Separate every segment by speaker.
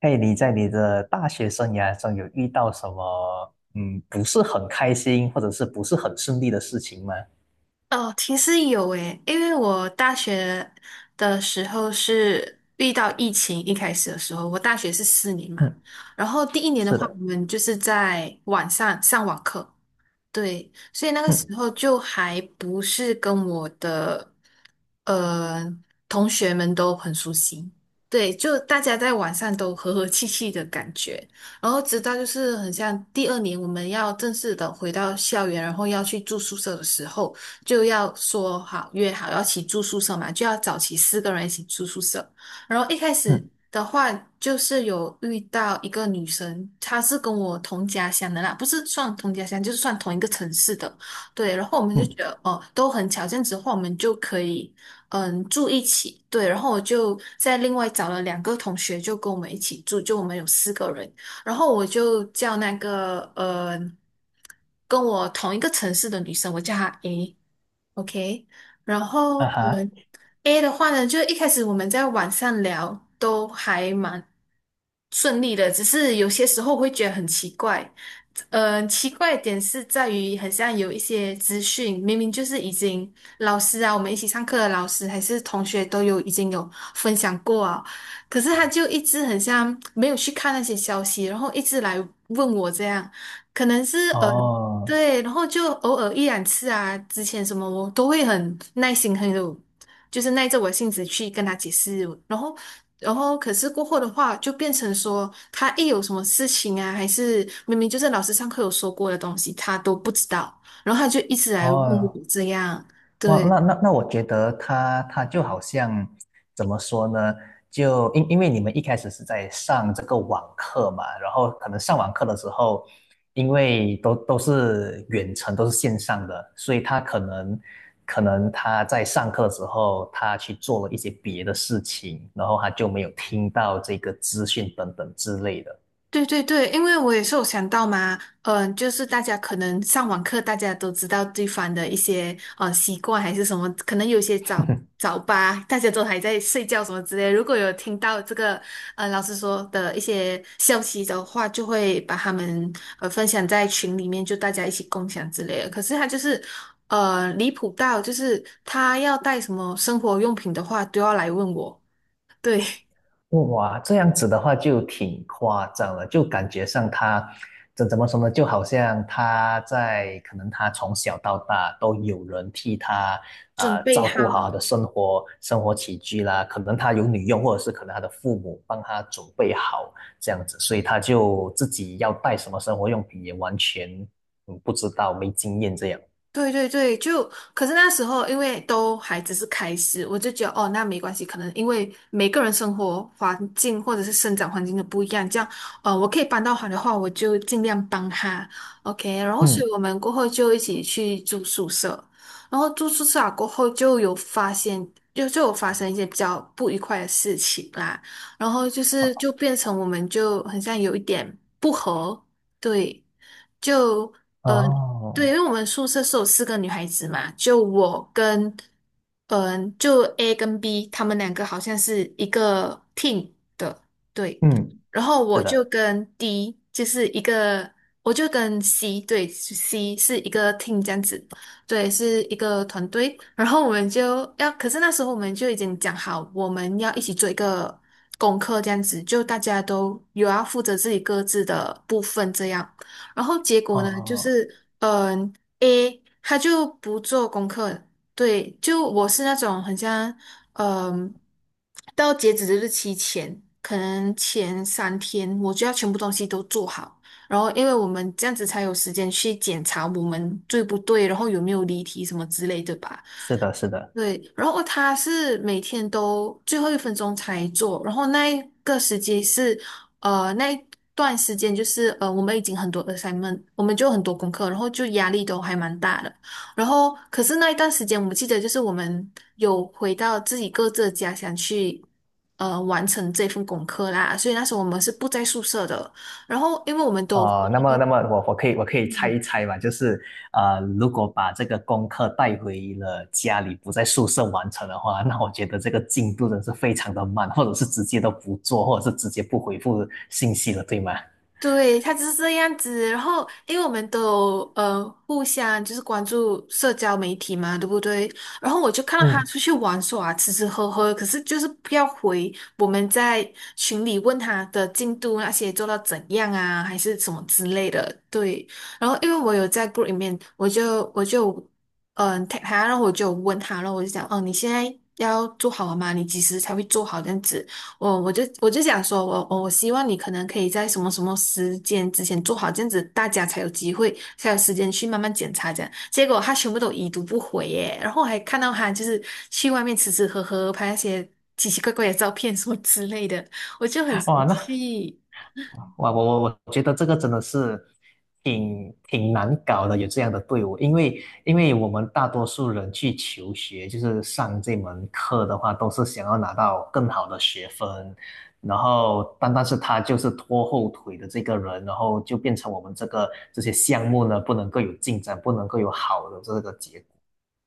Speaker 1: 嘿，你在你的大学生涯中有遇到什么不是很开心或者是不是很顺利的事情吗？
Speaker 2: 哦，其实有诶，因为我大学的时候是遇到疫情，一开始的时候，我大学是4年嘛，
Speaker 1: 嗯，
Speaker 2: 然后第一年的
Speaker 1: 是
Speaker 2: 话，
Speaker 1: 的，
Speaker 2: 我们就是在晚上上网课，对，所以那个时
Speaker 1: 嗯
Speaker 2: 候就还不是跟我的呃同学们都很熟悉，对，就大家在晚上都和和气气的感觉，然后直到就是很像第二年我们要正式的回到校园，然后要去住宿舍的时候，就要说好约好要一起住宿舍嘛，就要找齐四个人一起住宿舍，然后一开始
Speaker 1: 嗯
Speaker 2: 的话，就是有遇到一个女生，她是跟我同家乡的啦，不是算同家乡，就是算同一个城市的。对，然后我们就觉
Speaker 1: 嗯，
Speaker 2: 得哦，都很巧，这样子的话，我们就可以住一起。对，然后我就在另外找了2个同学，就跟我们一起住，就我们有四个人。然后我就叫那个跟我同一个城市的女生，我叫她 A。OK，然后
Speaker 1: 啊
Speaker 2: 我
Speaker 1: 哈，
Speaker 2: 们 A 的话呢，就一开始我们在网上聊都还蛮顺利的，只是有些时候会觉得很奇怪。奇怪的点是在于，很像有一些资讯，明明就是已经老师啊，我们一起上课的老师还是同学都有已经有分享过啊，可是他就一直很像没有去看那些消息，然后一直来问我这样，可能是。
Speaker 1: 哦
Speaker 2: 对，然后就偶尔一两次啊，之前什么我都会很耐心，很有，就是耐着我性子去跟他解释。然后，然后可是过后的话，就变成说他一有什么事情啊，还是明明就是老师上课有说过的东西，他都不知道，然后他就一直来问
Speaker 1: 哦，
Speaker 2: 我这样。
Speaker 1: 哇，
Speaker 2: 对。
Speaker 1: 那，我觉得他就好像怎么说呢？就因为你们一开始是在上这个网课嘛，然后可能上网课的时候，因为都是远程，都是线上的，所以他可能可能他在上课的时候，他去做了一些别的事情，然后他就没有听到这个资讯等等之类的。
Speaker 2: 对对对，因为我也是有想到嘛，就是大家可能上网课，大家都知道对方的一些习惯还是什么，可能有些早八，大家都还在睡觉什么之类。如果有听到这个老师说的一些消息的话，就会把他们分享在群里面，就大家一起共享之类的。可是他就是离谱到，就是他要带什么生活用品的话，都要来问我，对，
Speaker 1: 哇，这样子的话就挺夸张了，就感觉上他这怎么说呢？就好像他在可能他从小到大都有人替他
Speaker 2: 准备
Speaker 1: 照
Speaker 2: 好。
Speaker 1: 顾好他的生活起居啦，可能他有女佣，或者是可能他的父母帮他准备好这样子，所以他就自己要带什么生活用品也完全不知道，没经验这样。
Speaker 2: 对对对，就可是那时候因为都还只是开始，我就觉得哦，那没关系，可能因为每个人生活环境或者是生长环境都不一样，这样我可以帮到他的话，我就尽量帮他，OK。然后所以
Speaker 1: 嗯，
Speaker 2: 我们过后就一起去住宿舍，然后住宿舍啊过后就有发现，就有发生一些比较不愉快的事情啦，然后就是就变成我们就很像有一点不和，对。就呃对，因
Speaker 1: 哦，
Speaker 2: 为我们宿舍是有4个女孩子嘛，就我跟，就 A 跟 B，她们两个好像是一个 team 的，对。
Speaker 1: 嗯，
Speaker 2: 然后
Speaker 1: 是
Speaker 2: 我就
Speaker 1: 的，
Speaker 2: 跟 D，就是一个，我就跟 C，对是 c 是一个 team 这样子，对，是一个团队。然后我们就要，可是那时候我们就已经讲好，我们要一起做一个功课这样子，就大家都有要负责自己各自的部分这样。然后结果呢，就
Speaker 1: 哦，
Speaker 2: 是嗯、a 他就不做功课，对，就我是那种很像嗯、到截止日期前，可能前3天我就要全部东西都做好，然后因为我们这样子才有时间去检查我们对不对，然后有没有离题什么之类的吧。
Speaker 1: 是的，是的。
Speaker 2: 对，然后哦他是每天都最后一分钟才做，然后那一段时间就是我们已经很多 assignment，我们就很多功课，然后就压力都还蛮大的。然后可是那一段时间，我记得就是我们有回到自己各自的家乡去，完成这份功课啦。所以那时候我们是不在宿舍的，然后因为我们都。
Speaker 1: 哦，那么，那么我可以我可以猜一猜嘛，就是，如果把这个功课带回了家里，不在宿舍完成的话，那我觉得这个进度真是非常的慢，或者是直接都不做，或者是直接不回复信息了，对吗？
Speaker 2: 对，他就是这样子。然后，因为我们都有互相就是关注社交媒体嘛，对不对？然后我就看到他
Speaker 1: 嗯，
Speaker 2: 出去玩耍、吃吃喝喝，可是就是不要回我们在群里问他的进度那些做到怎样啊，还是什么之类的。对，然后因为我有在 group 里面，我就tag 他，然后我就问他，然后我就讲，哦，你现在要做好了吗？你几时才会做好这样子？我就想说，我希望你可能可以在什么什么时间之前做好，这样子大家才有机会，才有时间去慢慢检查这样。结果他全部都已读不回耶，然后我还看到他就是去外面吃吃喝喝，拍那些奇奇怪怪的照片什么之类的，我就很
Speaker 1: 哇，
Speaker 2: 生
Speaker 1: 那
Speaker 2: 气。
Speaker 1: 哇，我觉得这个真的是挺难搞的，有这样的队伍，因为因为我们大多数人去求学，就是上这门课的话，都是想要拿到更好的学分，然后但是他就是拖后腿的这个人，然后就变成我们这个这些项目呢，不能够有进展，不能够有好的这个结果。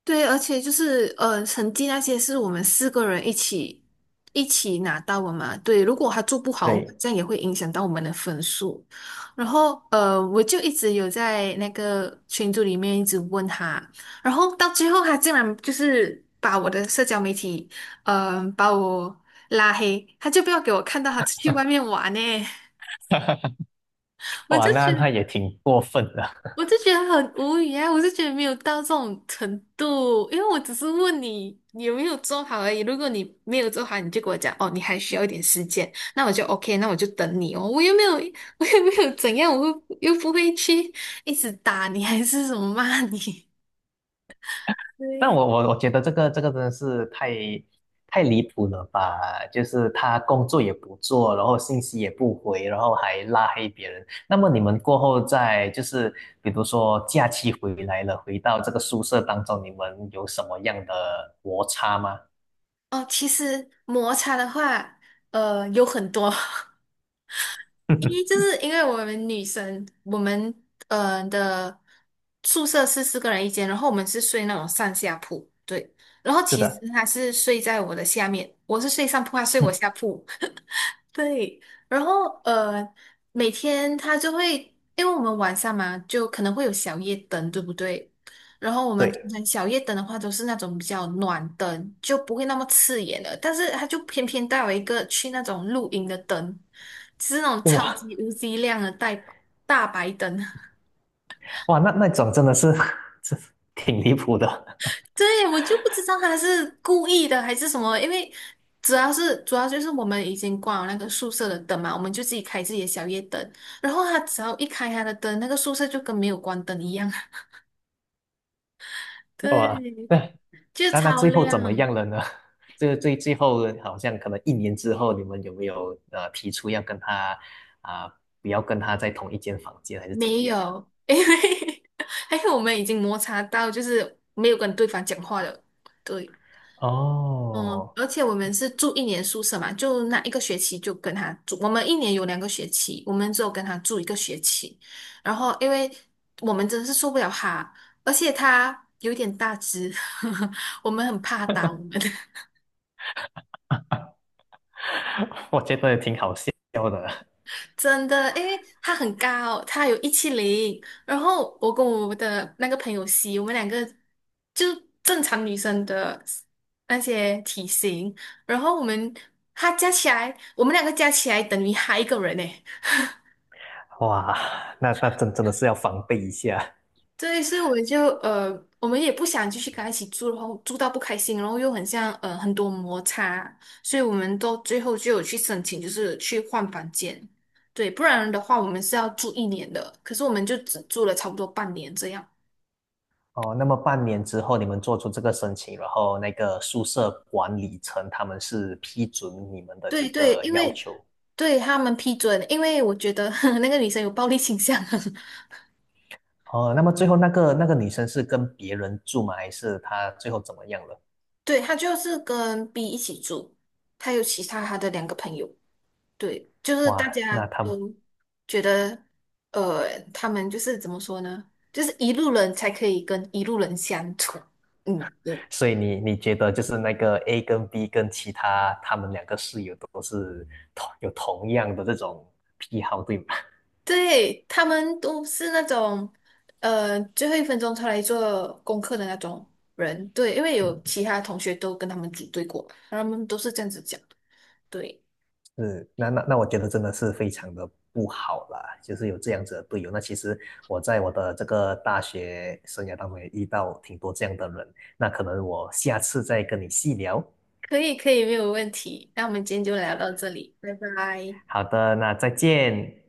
Speaker 2: 对，而且就是成绩那些是我们四个人一起拿到的嘛。对，如果他做不好，
Speaker 1: 对，
Speaker 2: 这样也会影响到我们的分数。然后我就一直有在那个群组里面一直问他，然后到最后他竟然就是把我的社交媒体，把我拉黑，他就不要给我看到他出去外面玩呢。我
Speaker 1: 哇，
Speaker 2: 就
Speaker 1: 那
Speaker 2: 觉
Speaker 1: 那也
Speaker 2: 得。
Speaker 1: 挺过分的。
Speaker 2: 我就觉得很无语啊，我就觉得没有到这种程度，因为我只是问你你有没有做好而已。如果你没有做好，你就跟我讲哦，你还需要一点时间，那我就 OK，那我就等你哦。我又没有，我又没有怎样，我又不会去一直打你还是什么骂你。
Speaker 1: 但
Speaker 2: 对，
Speaker 1: 我觉得这个这个真的是太离谱了吧？就是他工作也不做，然后信息也不回，然后还拉黑别人。那么你们过后在就是比如说假期回来了，回到这个宿舍当中，你们有什么样的摩擦吗？
Speaker 2: 哦，其实摩擦的话，有很多。一就 是因为我们女生，我们的宿舍是四个人一间，然后我们是睡那种上下铺，对。然后
Speaker 1: 是
Speaker 2: 其实
Speaker 1: 的，
Speaker 2: 他是睡在我的下面，我是睡上铺，他睡我
Speaker 1: 嗯，
Speaker 2: 下铺。对，然后每天他就会，因为我们晚上嘛，就可能会有小夜灯，对不对？然后我们通
Speaker 1: 对，
Speaker 2: 常小夜灯的话，都是那种比较暖灯，就不会那么刺眼的。但是他就偏偏带了一个去那种露营的灯，就是那种超
Speaker 1: 哇
Speaker 2: 级无敌亮的大白灯。
Speaker 1: 哇，那那种真的是 真是挺离谱的，
Speaker 2: 对，我就不知道他是故意的还是什么，因为主要就是我们已经关了那个宿舍的灯嘛，我们就自己开自己的小夜灯，然后他只要一开他的灯，那个宿舍就跟没有关灯一样，
Speaker 1: 哇，
Speaker 2: 对，
Speaker 1: 对。
Speaker 2: 就
Speaker 1: 那那
Speaker 2: 超
Speaker 1: 最后
Speaker 2: 亮，
Speaker 1: 怎么样了呢？这最后好像可能一年之后，你们有没有提出要跟他啊、不要跟他在同一间房间，还是怎么
Speaker 2: 没
Speaker 1: 样的？
Speaker 2: 有，因为 还有我们已经摩擦到，就是没有跟对方讲话了，对。嗯，
Speaker 1: 哦，
Speaker 2: 而且我们是住一年宿舍嘛，就那一个学期就跟他住。我们一年有2个学期，我们只有跟他住一个学期。然后，因为我们真的是受不了他，而且他有点大只，我们很怕打我们，
Speaker 1: 我觉得挺好笑的。
Speaker 2: 真的。因为他很高，他有170。然后我跟我的那个朋友 C，我们两个就正常女生的那些体型，然后他加起来，我们两个加起来等于他一个人呢。
Speaker 1: 哇，那那真真的是要防备一下
Speaker 2: 这一次我们也不想继续跟他一起住，然后住到不开心，然后又很像很多摩擦，所以我们都最后就有去申请，就是去换房间。对，不然的话我们是要住一年的，可是我们就只住了差不多半年这样。
Speaker 1: 哦。那么半年之后，你们做出这个申请，然后那个宿舍管理层他们是批准你们的这
Speaker 2: 对对，
Speaker 1: 个
Speaker 2: 因
Speaker 1: 要
Speaker 2: 为
Speaker 1: 求
Speaker 2: 对他们批准，因为我觉得 那个女生有暴力倾向，
Speaker 1: 哦。那么最后那个那个女生是跟别人住吗？还是她最后怎么样了？
Speaker 2: 对，她就是跟 B 一起住，她有其他她的2个朋友。对，就是
Speaker 1: 哇，
Speaker 2: 大家
Speaker 1: 那他们，
Speaker 2: 都觉得，他们就是怎么说呢？就是一路人才可以跟一路人相处。嗯，对，
Speaker 1: 所以你觉得就是那个 A 跟 B 跟其他他们两个室友都是同有同样的这种癖好，对吗？
Speaker 2: 对，他们都是那种，最后一分钟才来做功课的那种人。对，因为有
Speaker 1: 嗯，
Speaker 2: 其他同学都跟他们组队过，然后他们都是这样子讲的。对，
Speaker 1: 是，那我觉得真的是非常的不好啦，就是有这样子的队友。那其实我在我的这个大学生涯当中也遇到挺多这样的人，那可能我下次再跟你细聊。
Speaker 2: 可以，可以，没有问题。那我们今天就聊到这里，拜拜。
Speaker 1: 好的，那再见。